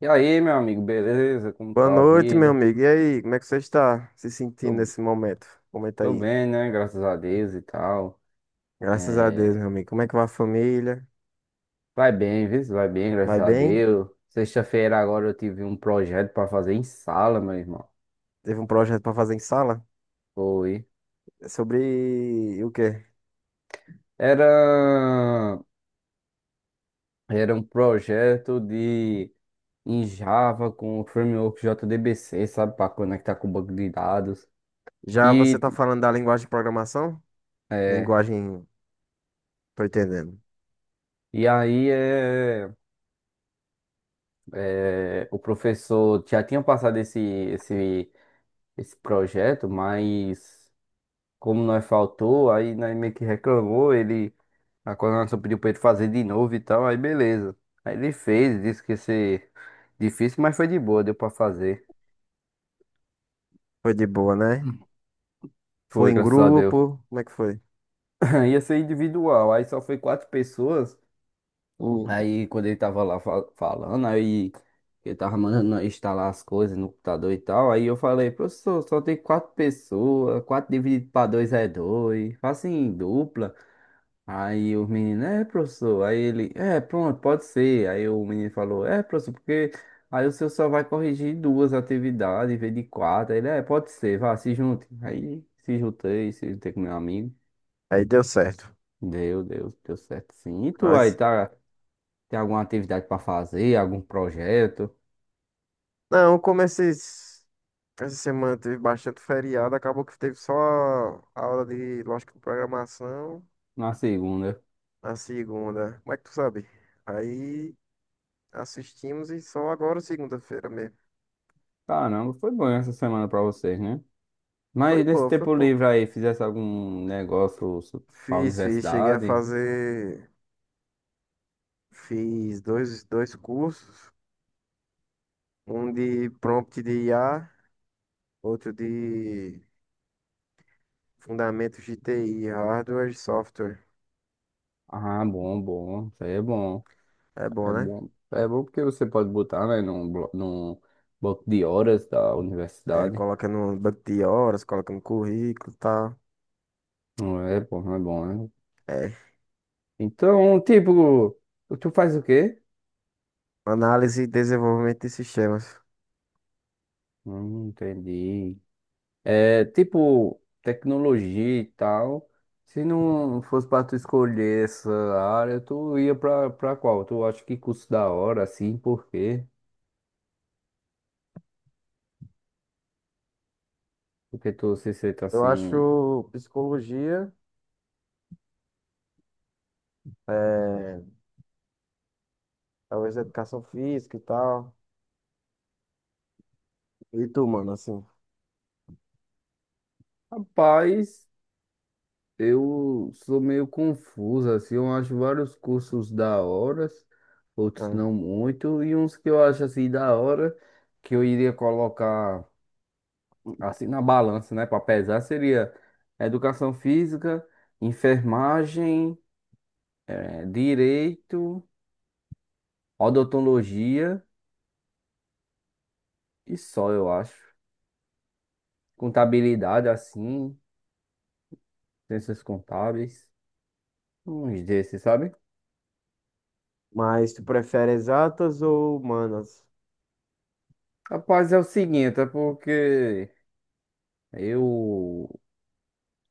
E aí, meu amigo, beleza? Como Boa tá a noite, meu vida? amigo. E aí, como é que você está se sentindo Tô, nesse momento? Comenta tô aí. bem, né? Graças a Deus e tal. Graças a Deus, É, meu amigo. Como é que vai a família? Vai bem, viu? Vai bem, graças Vai a bem? Deus. Sexta-feira agora eu tive um projeto pra fazer em sala, meu irmão. Teve um projeto para fazer em sala? Foi. É sobre o quê? Era... Era um projeto em Java com o framework JDBC, sabe? Pra conectar com o banco de dados. Já você tá E... falando da linguagem de programação? É... Linguagem, tô entendendo. E aí o professor já tinha passado esse projeto, mas como nós faltou, aí nós meio que reclamou, a coordenação pediu pra ele fazer de novo e tal, aí beleza. Aí ele fez, disse que ia ser difícil, mas foi de boa, deu pra fazer. Foi de boa, né? Hum. Foi Foi, em graças a Deus. grupo? Como é que foi? Ia ser individual, aí só foi quatro pessoas. Hum. Aí quando ele tava lá falando, aí ele tava mandando nós instalar as coisas no computador e tal, aí eu falei, professor, só tem quatro pessoas, quatro dividido para dois é dois, faça em dupla. Aí o menino, é, professor. Aí ele, é, pronto, pode ser. Aí o menino falou, é, professor, porque aí o senhor só vai corrigir duas atividades em vez de quatro. Aí ele, é, pode ser, vá, se junte. Aí se juntei com meu amigo. Aí deu certo. Deu certo, sim. E tu Aí aí, se- tá? Tem alguma atividade pra fazer, algum projeto? Não, como essa semana teve bastante feriado, acabou que teve só a aula de lógica de programação. Na segunda. Na segunda. Como é que tu sabe? Aí assistimos e só agora segunda-feira mesmo. Caramba, foi bom essa semana pra vocês, né? Foi Mas nesse pô, foi tempo pô. livre aí, fizesse algum negócio pra Fiz, cheguei a universidade? fazer. Fiz dois cursos, um de prompt de IA, outro de fundamentos de TI, hardware e software. Ah, bom, bom, isso aí é bom. É bom, É né? bom, é bom porque você pode botar, né, num bloco de horas da É, universidade. coloca no banco de horas, coloca no currículo e tal. Não é bom, não é bom, né? É, Então, tipo, tu faz o quê? análise e desenvolvimento de sistemas. Entendi. É, tipo, tecnologia e tal. Se não fosse pra tu escolher essa área, tu ia pra qual? Tu acha que curso da hora, assim, por quê? Porque tu se sente Eu assim, acho psicologia. É, talvez educação física e tal. E tu, mano, assim? rapaz. Eu sou meio confuso, assim, eu acho vários cursos da hora, outros Né? não muito, e uns que eu acho assim da hora, que eu iria colocar assim na balança, né, para pesar, seria educação física, enfermagem, direito, odontologia e só, eu acho. Contabilidade, assim, ciências contábeis, uns desses, sabe? Mas tu prefere exatas ou humanas? Rapaz, é o seguinte, é porque eu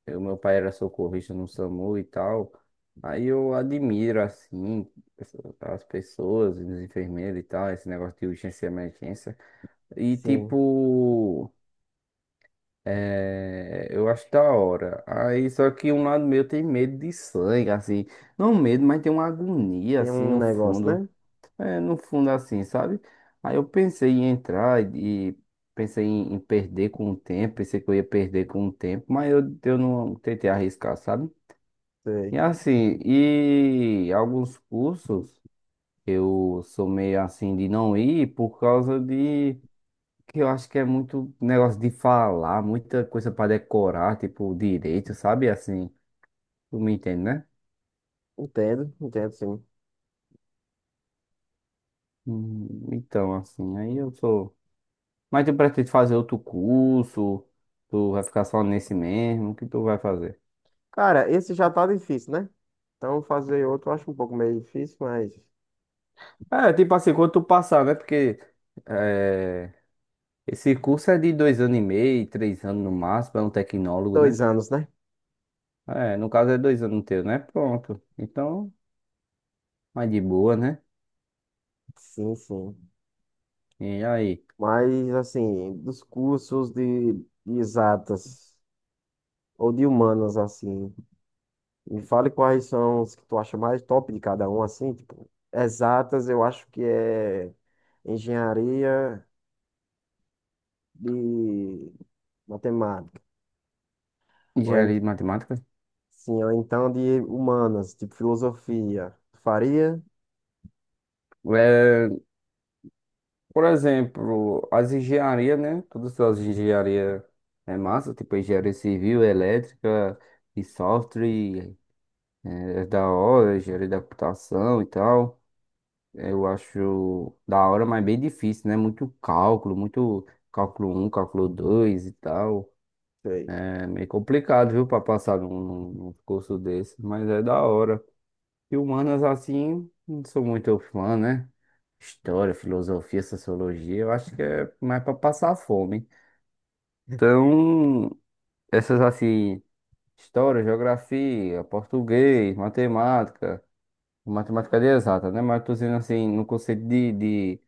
Eu, meu pai era socorrista no SAMU e tal. Aí eu admiro, assim, as pessoas, os enfermeiros e tal, esse negócio de urgência e emergência. E, Sim, tipo, eu acho da hora. Aí, só que um lado meu tem medo de sangue, assim. Não medo, mas tem uma agonia, tem assim, um no negócio, fundo. né? É, no fundo, assim, sabe? Aí eu pensei em entrar e pensei em perder com o tempo. Pensei que eu ia perder com o tempo, mas eu não tentei arriscar, sabe? E Sei. assim, e alguns cursos eu sou meio assim de não ir por causa de que eu acho que é muito negócio de falar, muita coisa para decorar, tipo direito, sabe? Assim, tu me entende, né? Entendo, entendo sim. Então, assim, aí eu sou. Mas tu pretende fazer outro curso? Tu vai ficar só nesse mesmo? O que tu vai fazer? Cara, esse já tá difícil, né? Então fazer outro eu acho um pouco meio difícil, mas. É, tipo assim, quando tu passar, né? Porque é, esse curso é de dois anos e meio, três anos no máximo, é um tecnólogo, né? Dois anos, né? É, no caso é dois anos teu, né? Pronto. Então, mais de boa, né? Sim, sim. E aí? Mas assim, dos cursos de exatas ou de humanas, assim. Me fale quais são os que tu acha mais top de cada um, assim, tipo, exatas, eu acho que é engenharia de matemática, ou, en- Engenharia de matemática? sim, ou então de humanas, tipo filosofia. Tu faria? É, por exemplo, as engenharias, né? Todas as engenharias é massa, tipo engenharia civil, elétrica e software, é da hora, engenharia da computação e tal. Eu acho da hora, mas bem difícil, né? Muito cálculo um, cálculo 2 e tal. Sei. É meio complicado, viu, pra passar num curso desse, mas é da hora. E humanas assim, não sou muito fã, né? História, filosofia, sociologia, eu acho que é mais para passar fome. Então, essas assim, história, geografia, português, matemática, matemática de exata, né? Mas tô dizendo assim, no conceito de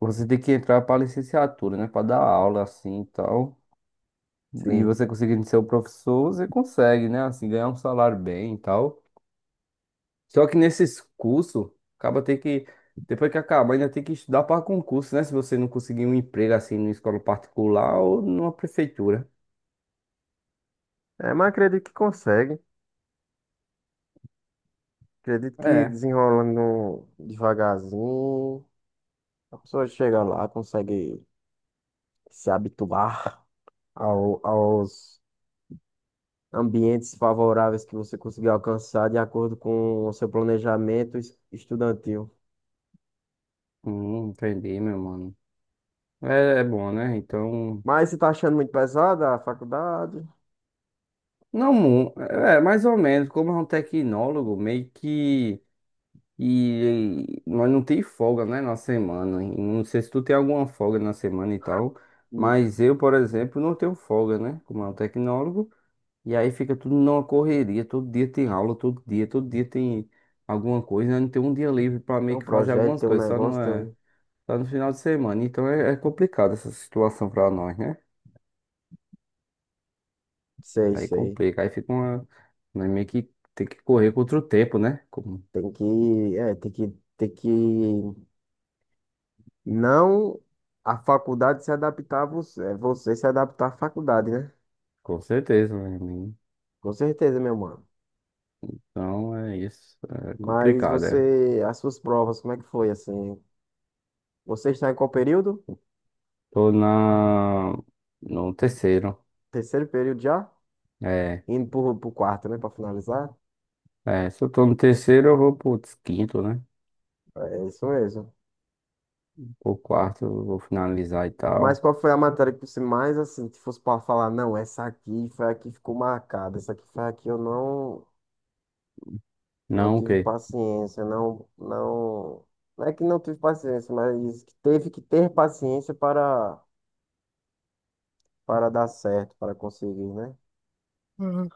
você tem que entrar para licenciatura, né? Para dar aula assim e tal. E Sim. você conseguindo ser o professor, você consegue, né? Assim, ganhar um salário bem e tal. Só que nesses cursos, acaba ter que, depois que acabar, ainda tem que estudar para concurso, né? Se você não conseguir um emprego assim numa escola particular ou numa prefeitura. É, mas acredito que consegue. Acredito que É, desenrolando devagarzinho, a pessoa chega lá, consegue se habituar aos ambientes favoráveis que você conseguir alcançar de acordo com o seu planejamento estudantil. Entendi, meu mano. É, é bom, né? Então, Mas você tá achando muito pesada a faculdade? não, é mais ou menos, como é um tecnólogo, meio que nós não tem folga, né, na semana. E não sei se tu tem alguma folga na semana e tal, E mas eu, por exemplo, não tenho folga, né? Como é um tecnólogo. E aí fica tudo numa correria, todo dia tem aula, todo dia tem alguma coisa, né? Não tem um dia livre para tem meio um que fazer projeto, algumas tem um coisas, só não negócio, é, um. só no final de semana. Então é complicado essa situação para nós, né? Sei, Aí sei. complica, aí fica uma, nós meio que tem que correr contra o tempo, né? Com, Tem que, é, tem que não a faculdade se adaptar a você, é você se adaptar à faculdade, né? com certeza, meu amigo. Com certeza, meu mano. Então é isso, é Mas complicado, é. você, as suas provas, como é que foi assim? Você está em qual período? Tô no terceiro, Terceiro período já? é, Indo pro, pro quarto, né? Pra finalizar. Se eu tô no terceiro eu vou pro quinto, né? É isso mesmo. Pro quarto eu vou finalizar e Mas tal. qual foi a matéria que você mais, assim, se fosse pra falar, não, essa aqui foi a que ficou marcada, essa aqui foi a que eu não Não, ok. tive paciência, não, não. Não é que não tive paciência, mas que teve que ter paciência para dar certo, para conseguir, né? Uhum.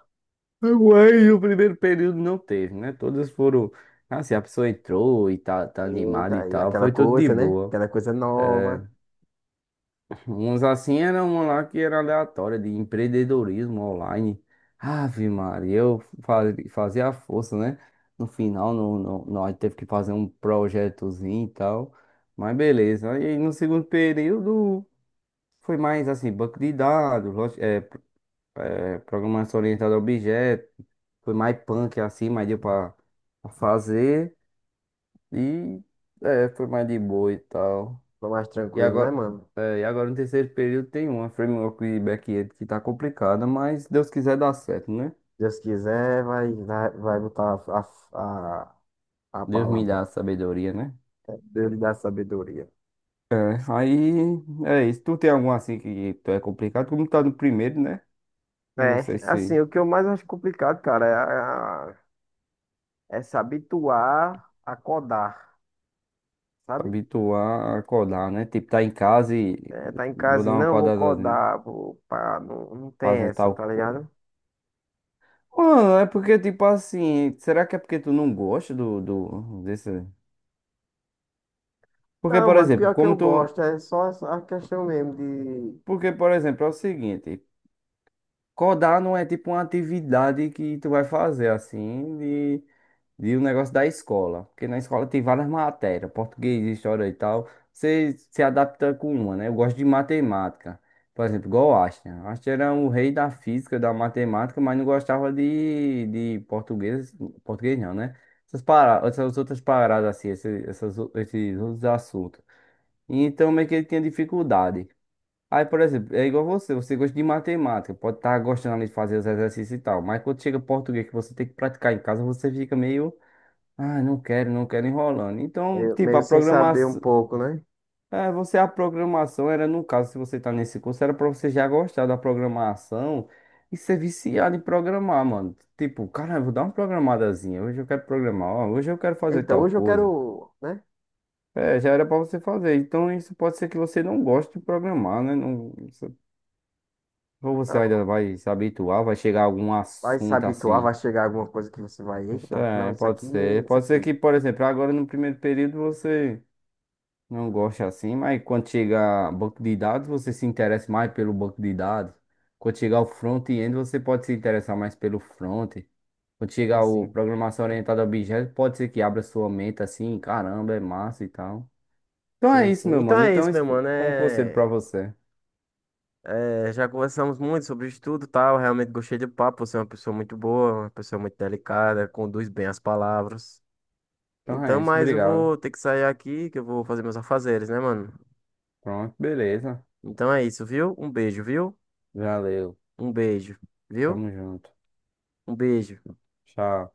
Mas o primeiro período não teve, né? Todas foram. Assim, a pessoa entrou e tá animada e Eita, e tal, aquela foi tudo de coisa, né? boa. Aquela coisa nova, Uns assim era uma lá que era aleatória, de empreendedorismo online. Ave Maria, eu fazia a força, né? No final, no, no, nós teve que fazer um projetozinho e tal. Mas beleza. Aí no segundo período foi mais assim, banco de dados, programação orientada a objetos. Foi mais punk assim, mas deu pra fazer. E foi mais de boa e tal. tô mais E tranquilo, né, agora, mano? e agora no terceiro período tem uma framework e back-end que tá complicada, mas Deus quiser dá certo, né? Deus quiser, vai botar a, a Deus me dá palavra. a sabedoria, né? Deus dá sabedoria. É, aí é isso. Tu tem algum assim que tu é complicado, como tá no primeiro, né? Eu não É, sei se assim, se o que eu mais acho complicado, cara, é, a- é se habituar a codar, sabe? habituar a acordar, né? Tipo, tá em casa e É, tá em vou casa e dar uma não, vou acordada, codar, vou, pá, não tem fazer essa, tal tá coisa. ligado? Mano, é porque, tipo assim, será que é porque tu não gosta desse... Porque, Não, por mano, exemplo, pior que eu como tu... gosto, a questão mesmo de Porque, por exemplo, é o seguinte, codar não é tipo uma atividade que tu vai fazer, assim, e o negócio da escola. Porque na escola tem várias matérias, português, história e tal. Você se adapta com uma, né? Eu gosto de matemática. Por exemplo, igual o Einstein. O Einstein era o rei da física, da matemática, mas não gostava de português. Português não, né? Essas paradas, essas outras paradas assim, esses outros assuntos. E então meio que ele tinha dificuldade. Aí, por exemplo, é igual você, você gosta de matemática, pode estar gostando ali de fazer os exercícios e tal, mas quando chega português que você tem que praticar em casa, você fica meio ah, não quero, não quero enrolando. Então, meio, tipo, meio a sem saber um programação. pouco, né? É, você, a programação era, no caso, se você tá nesse curso, era pra você já gostar da programação e ser viciado em programar, mano. Tipo, cara, vou dar uma programadazinha. Hoje eu quero programar, ó, hoje eu quero fazer Então, tal hoje eu coisa. quero, né? É, já era pra você fazer. Então, isso pode ser que você não goste de programar, né? Não, ou você Ah, ainda vai se habituar, vai chegar a algum vai se assunto habituar, vai assim. chegar alguma coisa que você vai, Isso eita, não, é, isso pode aqui é ser. isso Pode ser aqui. que, por exemplo, agora no primeiro período você não gosta assim, mas quando chega banco de dados, você se interessa mais pelo banco de dados. Quando chegar o front-end, você pode se interessar mais pelo front. Quando Sim, chegar o sim, programação orientada a objetos, pode ser que abra sua mente assim, caramba, é massa e tal. Então é sim, isso, sim. meu Então mano. é Então isso, isso meu mano, foi um conselho pra é. você. É, já conversamos muito sobre estudo e tal. Realmente gostei do papo. Você é uma pessoa muito boa, uma pessoa muito delicada, conduz bem as palavras. Então Então, é isso, mas eu obrigado. vou ter que sair aqui, que eu vou fazer meus afazeres, né, mano? Pronto, beleza. Então é isso, viu? Um beijo, viu? Valeu. Um beijo, viu? Tamo junto. Um beijo, Tchau.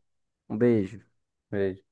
um beijo. Beijo.